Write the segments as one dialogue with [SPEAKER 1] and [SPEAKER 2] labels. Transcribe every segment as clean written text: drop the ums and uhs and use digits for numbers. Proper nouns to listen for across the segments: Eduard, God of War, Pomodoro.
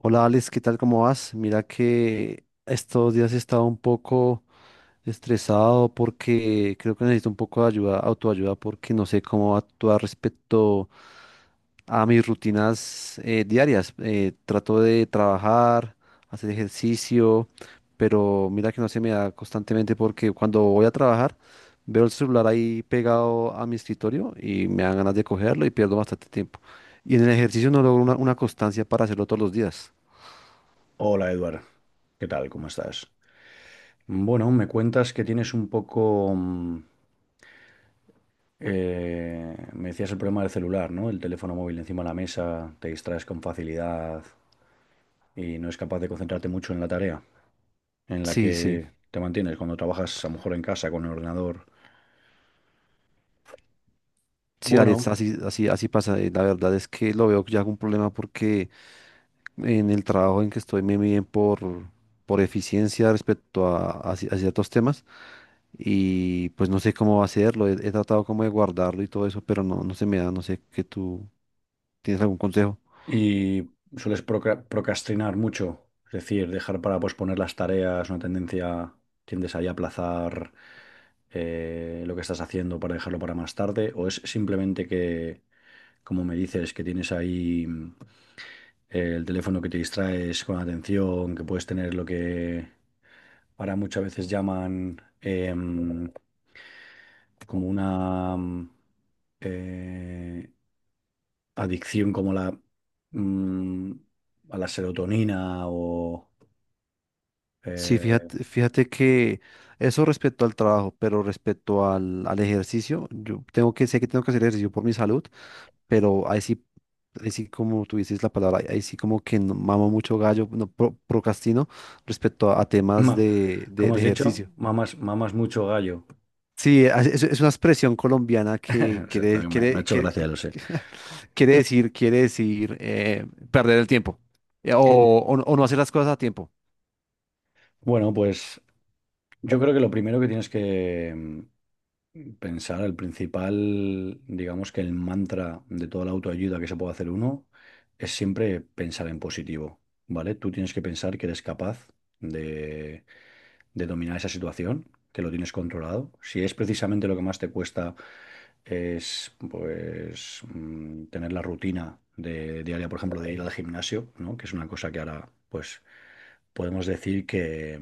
[SPEAKER 1] Hola Alex, ¿qué tal? ¿Cómo vas? Mira que estos días he estado un poco estresado porque creo que necesito un poco de ayuda, autoayuda, porque no sé cómo actuar respecto a mis rutinas diarias. Trato de trabajar, hacer ejercicio, pero mira que no se me da constantemente porque cuando voy a trabajar veo el celular ahí pegado a mi escritorio y me dan ganas de cogerlo y pierdo bastante tiempo. Y en el ejercicio no logro una constancia para hacerlo todos los días.
[SPEAKER 2] Hola Eduard, ¿qué tal? ¿Cómo estás? Bueno, me cuentas que tienes un poco. Me decías el problema del celular, ¿no? El teléfono móvil encima de la mesa, te distraes con facilidad y no es capaz de concentrarte mucho en la tarea en la
[SPEAKER 1] Sí, sí.
[SPEAKER 2] que te mantienes cuando trabajas a lo mejor en casa con el ordenador.
[SPEAKER 1] Sí, Alex,
[SPEAKER 2] Bueno.
[SPEAKER 1] así, así, así pasa. La verdad es que lo veo ya como un problema porque en el trabajo en que estoy me miden por eficiencia respecto a ciertos temas y pues no sé cómo hacerlo. He tratado como de guardarlo y todo eso, pero no, no se me da. No sé que tú tienes algún consejo.
[SPEAKER 2] Y sueles procrastinar mucho, es decir, dejar para posponer las tareas, una tendencia, tiendes ahí a aplazar lo que estás haciendo para dejarlo para más tarde, o es simplemente que, como me dices, que tienes ahí el teléfono, que te distraes con atención, que puedes tener lo que ahora muchas veces llaman como una eh, adicción, como la mm, a la serotonina o.
[SPEAKER 1] Sí,
[SPEAKER 2] eh,
[SPEAKER 1] fíjate que eso respecto al trabajo, pero respecto al ejercicio, sé que tengo que hacer ejercicio por mi salud, pero ahí sí como tú dices la palabra, ahí sí como que mamo mucho gallo, no, procrastino respecto a temas
[SPEAKER 2] ma- como has
[SPEAKER 1] de
[SPEAKER 2] dicho,
[SPEAKER 1] ejercicio.
[SPEAKER 2] mamas, mamas mucho gallo.
[SPEAKER 1] Sí, es una expresión colombiana que
[SPEAKER 2] O sea, no, me ha hecho
[SPEAKER 1] quiere,
[SPEAKER 2] gracia, lo sé.
[SPEAKER 1] quiere decir perder el tiempo eh, o, o no hacer las cosas a tiempo.
[SPEAKER 2] Bueno, pues yo creo que lo primero que tienes que pensar, el principal, digamos que el mantra de toda la autoayuda que se puede hacer uno, es siempre pensar en positivo, ¿vale? Tú tienes que pensar que eres capaz de, de dominar esa situación, que lo tienes controlado. Si es precisamente lo que más te cuesta es, pues, tener la rutina de diaria, por ejemplo, de ir al gimnasio, ¿no? Que es una cosa que ahora, pues, podemos decir que,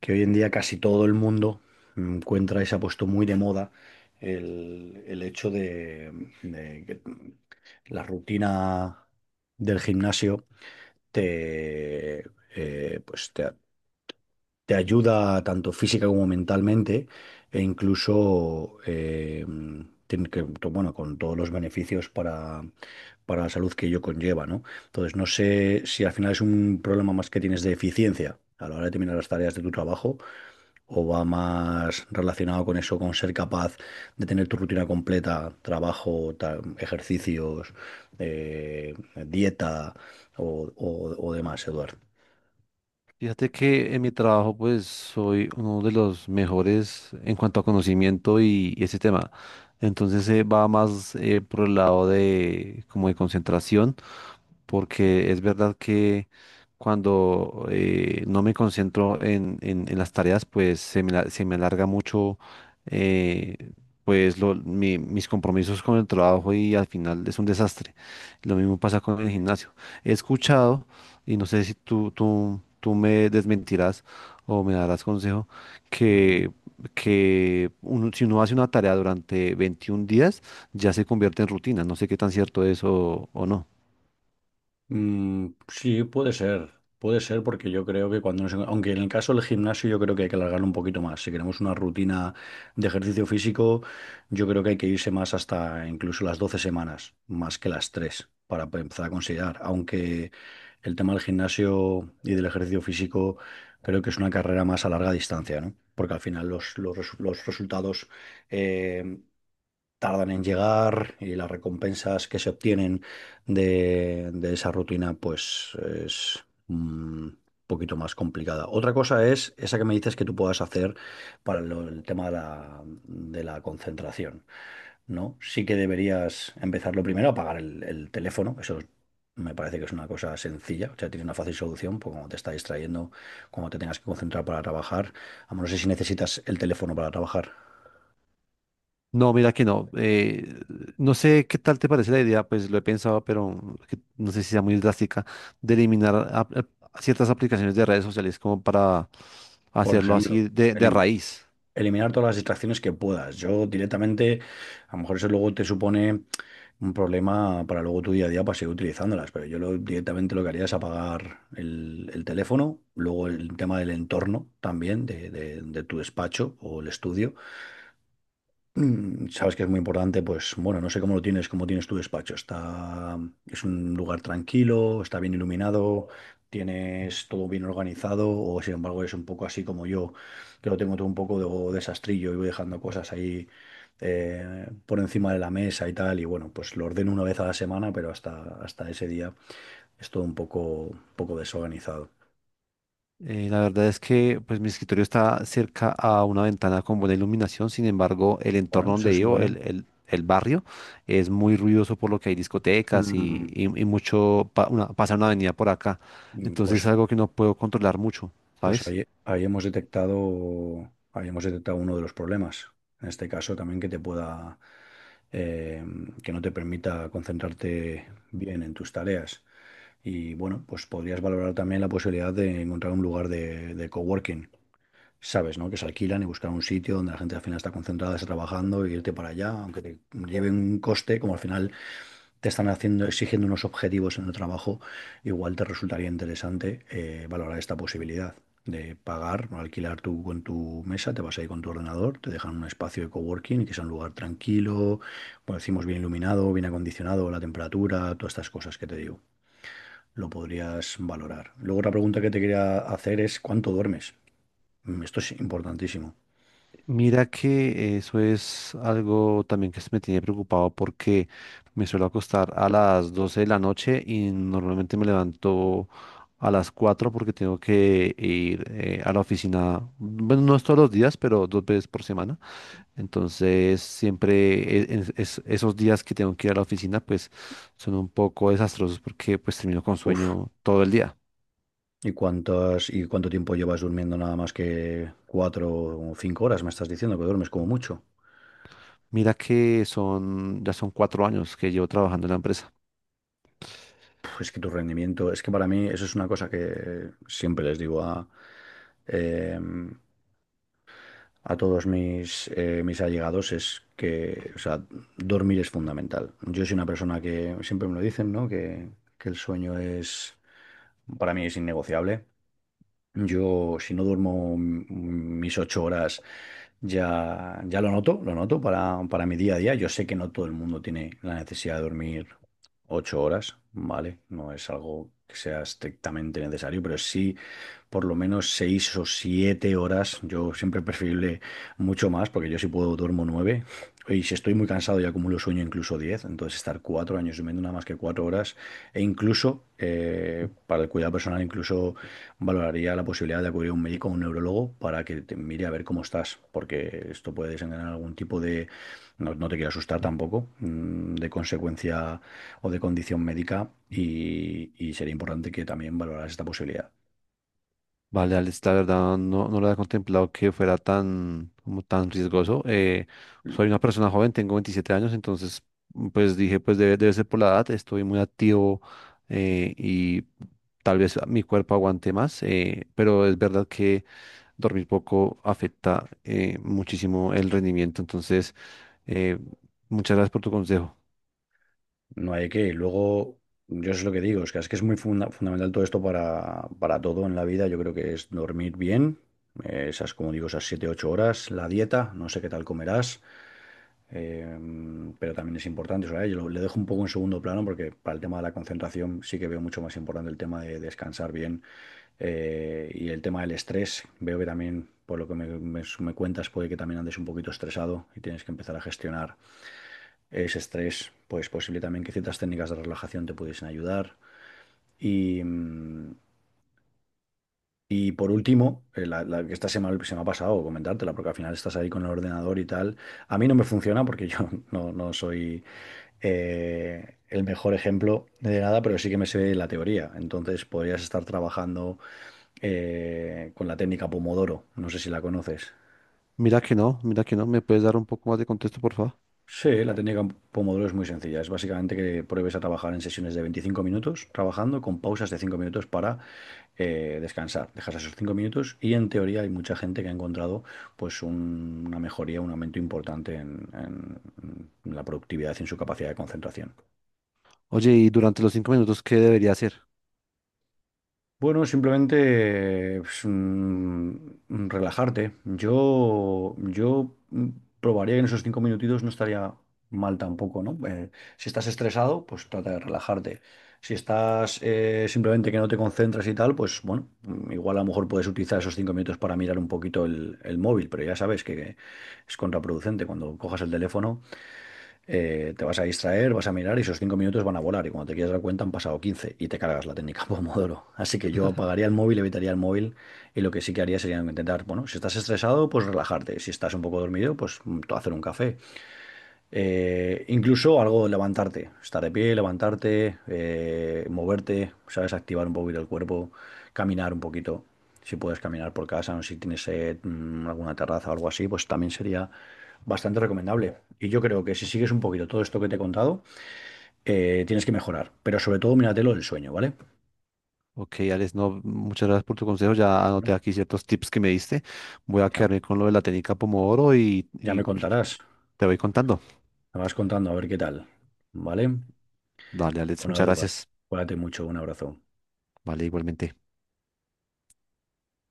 [SPEAKER 2] que hoy en día casi todo el mundo encuentra, y se ha puesto muy de moda el hecho de que la rutina del gimnasio te, pues te ayuda tanto física como mentalmente, e incluso tiene que, bueno, con todos los beneficios para la salud que ello conlleva, ¿no? Entonces, no sé si al final es un problema más que tienes de eficiencia a la hora de terminar las tareas de tu trabajo, o va más relacionado con eso, con ser capaz de tener tu rutina completa, trabajo, ejercicios, eh, dieta o demás, Eduardo.
[SPEAKER 1] Fíjate que en mi trabajo pues soy uno de los mejores en cuanto a conocimiento y ese tema. Entonces va más por el lado de como de concentración porque es verdad que cuando no me concentro en las tareas, pues se me alarga mucho eh, pues mis compromisos con el trabajo y al final es un desastre. Lo mismo pasa con el gimnasio. He escuchado, y no sé si tú me desmentirás o me darás consejo, que, que si uno hace una tarea durante 21 días, ya se convierte en rutina. No sé qué tan cierto es o no.
[SPEAKER 2] Mm, sí, puede ser. Puede ser porque yo creo que cuando nos. Aunque en el caso del gimnasio, yo creo que hay que alargarlo un poquito más. Si queremos una rutina de ejercicio físico, yo creo que hay que irse más, hasta incluso las 12 semanas, más que las tres, para empezar a considerar. Aunque el tema del gimnasio y del ejercicio físico, creo que es una carrera más a larga distancia, ¿no? Porque al final los, los resultados. eh, tardan en llegar, y las recompensas que se obtienen de esa rutina, pues, es un poquito más complicada. Otra cosa es esa que me dices que tú puedas hacer para el tema de la, concentración, ¿no? Sí que deberías empezar lo primero a apagar el teléfono. Eso me parece que es una cosa sencilla, o sea, tiene una fácil solución, porque cuando te está distrayendo, cuando te tengas que concentrar para trabajar, a no sé si necesitas el teléfono para trabajar,
[SPEAKER 1] No, mira que no. No sé qué tal te parece la idea, pues lo he pensado, pero que no sé si sea muy drástica, de eliminar a ciertas aplicaciones de redes sociales como para
[SPEAKER 2] por
[SPEAKER 1] hacerlo
[SPEAKER 2] ejemplo.
[SPEAKER 1] así de
[SPEAKER 2] el,
[SPEAKER 1] raíz.
[SPEAKER 2] Eliminar todas las distracciones que puedas. Yo, directamente, a lo mejor eso luego te supone un problema para luego tu día a día, para seguir utilizándolas, pero yo directamente lo que haría es apagar el teléfono. Luego, el tema del entorno también, de tu despacho o el estudio. Mm, sabes que es muy importante. Pues, bueno, no sé cómo lo tienes, cómo tienes tu despacho. Es un lugar tranquilo, está bien iluminado, tienes todo bien organizado, o sin embargo es un poco así como yo, que lo tengo todo un poco desastrillo, y voy dejando cosas ahí por encima de la mesa y tal. Y bueno, pues lo ordeno una vez a la semana, pero hasta ese día es todo un poco desorganizado.
[SPEAKER 1] La verdad es que pues mi escritorio está cerca a una ventana con buena iluminación, sin embargo, el
[SPEAKER 2] Bueno,
[SPEAKER 1] entorno
[SPEAKER 2] eso
[SPEAKER 1] donde
[SPEAKER 2] es
[SPEAKER 1] vivo,
[SPEAKER 2] bueno.
[SPEAKER 1] el barrio, es muy ruidoso por lo que hay discotecas
[SPEAKER 2] Mm,
[SPEAKER 1] y mucho, pasa una avenida por acá.
[SPEAKER 2] mm,
[SPEAKER 1] Entonces
[SPEAKER 2] Pues
[SPEAKER 1] es algo que no puedo controlar mucho,
[SPEAKER 2] Pues
[SPEAKER 1] ¿sabes?
[SPEAKER 2] ahí hemos detectado uno de los problemas. En este caso, también, eh, que no te permita concentrarte bien en tus tareas. Y bueno, pues podrías valorar también la posibilidad de encontrar un lugar de coworking, sabes, ¿no? Que se alquilan, y buscar un sitio donde la gente al final está concentrada, está trabajando, y irte para allá. Aunque te lleve un coste, como al final te están haciendo, exigiendo unos objetivos en el trabajo, igual te resultaría interesante valorar esta posibilidad de pagar o alquilar tú con tu mesa, te vas ahí con tu ordenador, te dejan un espacio de coworking que sea un lugar tranquilo, como decimos, bien iluminado, bien acondicionado, la temperatura, todas estas cosas que te digo, lo podrías valorar. Luego, otra pregunta que te quería hacer es: ¿cuánto duermes? Esto es importantísimo.
[SPEAKER 1] Mira que eso es algo también que me tiene preocupado porque me suelo acostar a las 12 de la noche y normalmente me levanto a las 4 porque tengo que ir a la oficina, bueno, no es todos los días, pero dos veces por semana. Entonces, siempre esos días que tengo que ir a la oficina, pues son un poco desastrosos porque pues termino con
[SPEAKER 2] Uf.
[SPEAKER 1] sueño todo el día.
[SPEAKER 2] ¿Y cuántas, y cuánto tiempo llevas durmiendo nada más que 4 o 5 horas? Me estás diciendo que duermes, como mucho.
[SPEAKER 1] Mira que son, ya son cuatro años que llevo trabajando en la empresa.
[SPEAKER 2] Puf, es que tu rendimiento, es que para mí eso es una cosa que siempre les digo eh, a todos mis allegados, es que, o sea, dormir es fundamental. Yo soy una persona que siempre me lo dicen, ¿no? Que el sueño es, para mí es innegociable. Yo, si no duermo mis 8 horas, ya, ya lo noto para mi día a día. Yo sé que no todo el mundo tiene la necesidad de dormir 8 horas, ¿vale? No es algo que sea estrictamente necesario, pero sí por lo menos 6 o 7 horas. Yo siempre preferible mucho más, porque yo, si puedo, duermo nueve. Y si estoy muy cansado y acumulo sueño, incluso diez. Entonces, estar 4 años durmiendo nada más que 4 horas. E incluso para el cuidado personal, incluso valoraría la posibilidad de acudir a un médico o un neurólogo para que te mire, a ver cómo estás, porque esto puede desencadenar algún tipo de, no, no te quiero asustar tampoco, de consecuencia o de condición médica, y sería importante que también valoraras esta posibilidad.
[SPEAKER 1] Vale, Alex, la verdad no, no lo había contemplado que fuera tan, como tan riesgoso. Soy una persona joven, tengo 27 años, entonces pues dije, debe ser por la edad, estoy muy activo y tal vez mi cuerpo aguante más, pero es verdad que dormir poco afecta muchísimo el rendimiento, entonces eh, muchas gracias por tu consejo.
[SPEAKER 2] No hay que. Y luego, yo es lo que digo, es que, es que es muy fundamental todo esto para todo en la vida. Yo creo que es dormir bien, esas, como digo, esas siete ocho horas, la dieta, no sé qué tal comerás, eh, pero también es importante. Eso, yo le dejo un poco en segundo plano, porque para el tema de la concentración sí que veo mucho más importante el tema de descansar bien, y el tema del estrés. Veo que también, por lo que me, me cuentas, puede que también andes un poquito estresado, y tienes que empezar a gestionar es estrés, pues posible también que ciertas técnicas de relajación te pudiesen ayudar. Y, mm, y por último, la, la que esta se me ha pasado comentártela, porque al final estás ahí con el ordenador y tal. A mí no me funciona porque yo no, no soy el mejor ejemplo de nada, pero sí que me sé la teoría. Entonces, podrías estar trabajando con la técnica Pomodoro. No sé si la conoces.
[SPEAKER 1] Mira que no, ¿me puedes dar un poco más de contexto, por favor?
[SPEAKER 2] Sí, la técnica Pomodoro es muy sencilla. Es básicamente que pruebes a trabajar en sesiones de 25 minutos, trabajando con pausas de 5 minutos para descansar. Dejas esos 5 minutos y, en teoría, hay mucha gente que ha encontrado, pues, una mejoría, un aumento importante en, en la productividad y en su capacidad de concentración.
[SPEAKER 1] Oye, y durante los cinco minutos, ¿qué debería hacer?
[SPEAKER 2] Bueno, simplemente pues, relajarte. Yo probaría que en esos 5 minutitos no estaría mal tampoco, ¿no? Si estás estresado, pues trata de relajarte. Si estás simplemente que no te concentras y tal, pues, bueno, igual a lo mejor puedes utilizar esos 5 minutos para mirar un poquito el móvil, pero ya sabes que es contraproducente, cuando cojas el teléfono te vas a distraer, vas a mirar, y esos 5 minutos van a volar. Y cuando te quieres dar cuenta, han pasado 15 y te cargas la técnica Pomodoro. Así que yo apagaría el móvil, evitaría el móvil, y lo que sí que haría sería intentar, bueno, si estás estresado, pues relajarte. Si estás un poco dormido, pues hacer un café. Incluso algo, levantarte, estar de pie, levantarte, moverte, ¿sabes? Activar un poquito el cuerpo, caminar un poquito. Si puedes caminar por casa, o si tienes alguna terraza o algo así, pues también sería bastante recomendable. Y yo creo que si sigues un poquito todo esto que te he contado, tienes que mejorar. Pero sobre todo, míratelo del sueño, ¿vale?
[SPEAKER 1] Ok, Alex, no, muchas gracias por tu consejo. Ya
[SPEAKER 2] Bueno,
[SPEAKER 1] anoté aquí ciertos tips que me diste. Voy a
[SPEAKER 2] ya,
[SPEAKER 1] quedarme con lo de la técnica Pomodoro
[SPEAKER 2] ya me
[SPEAKER 1] y
[SPEAKER 2] contarás.
[SPEAKER 1] te voy contando.
[SPEAKER 2] Me vas contando, a ver qué tal. ¿Vale?
[SPEAKER 1] Dale, Alex,
[SPEAKER 2] Bueno,
[SPEAKER 1] muchas
[SPEAKER 2] Eduardo,
[SPEAKER 1] gracias.
[SPEAKER 2] cuídate mucho. Un abrazo.
[SPEAKER 1] Vale, igualmente.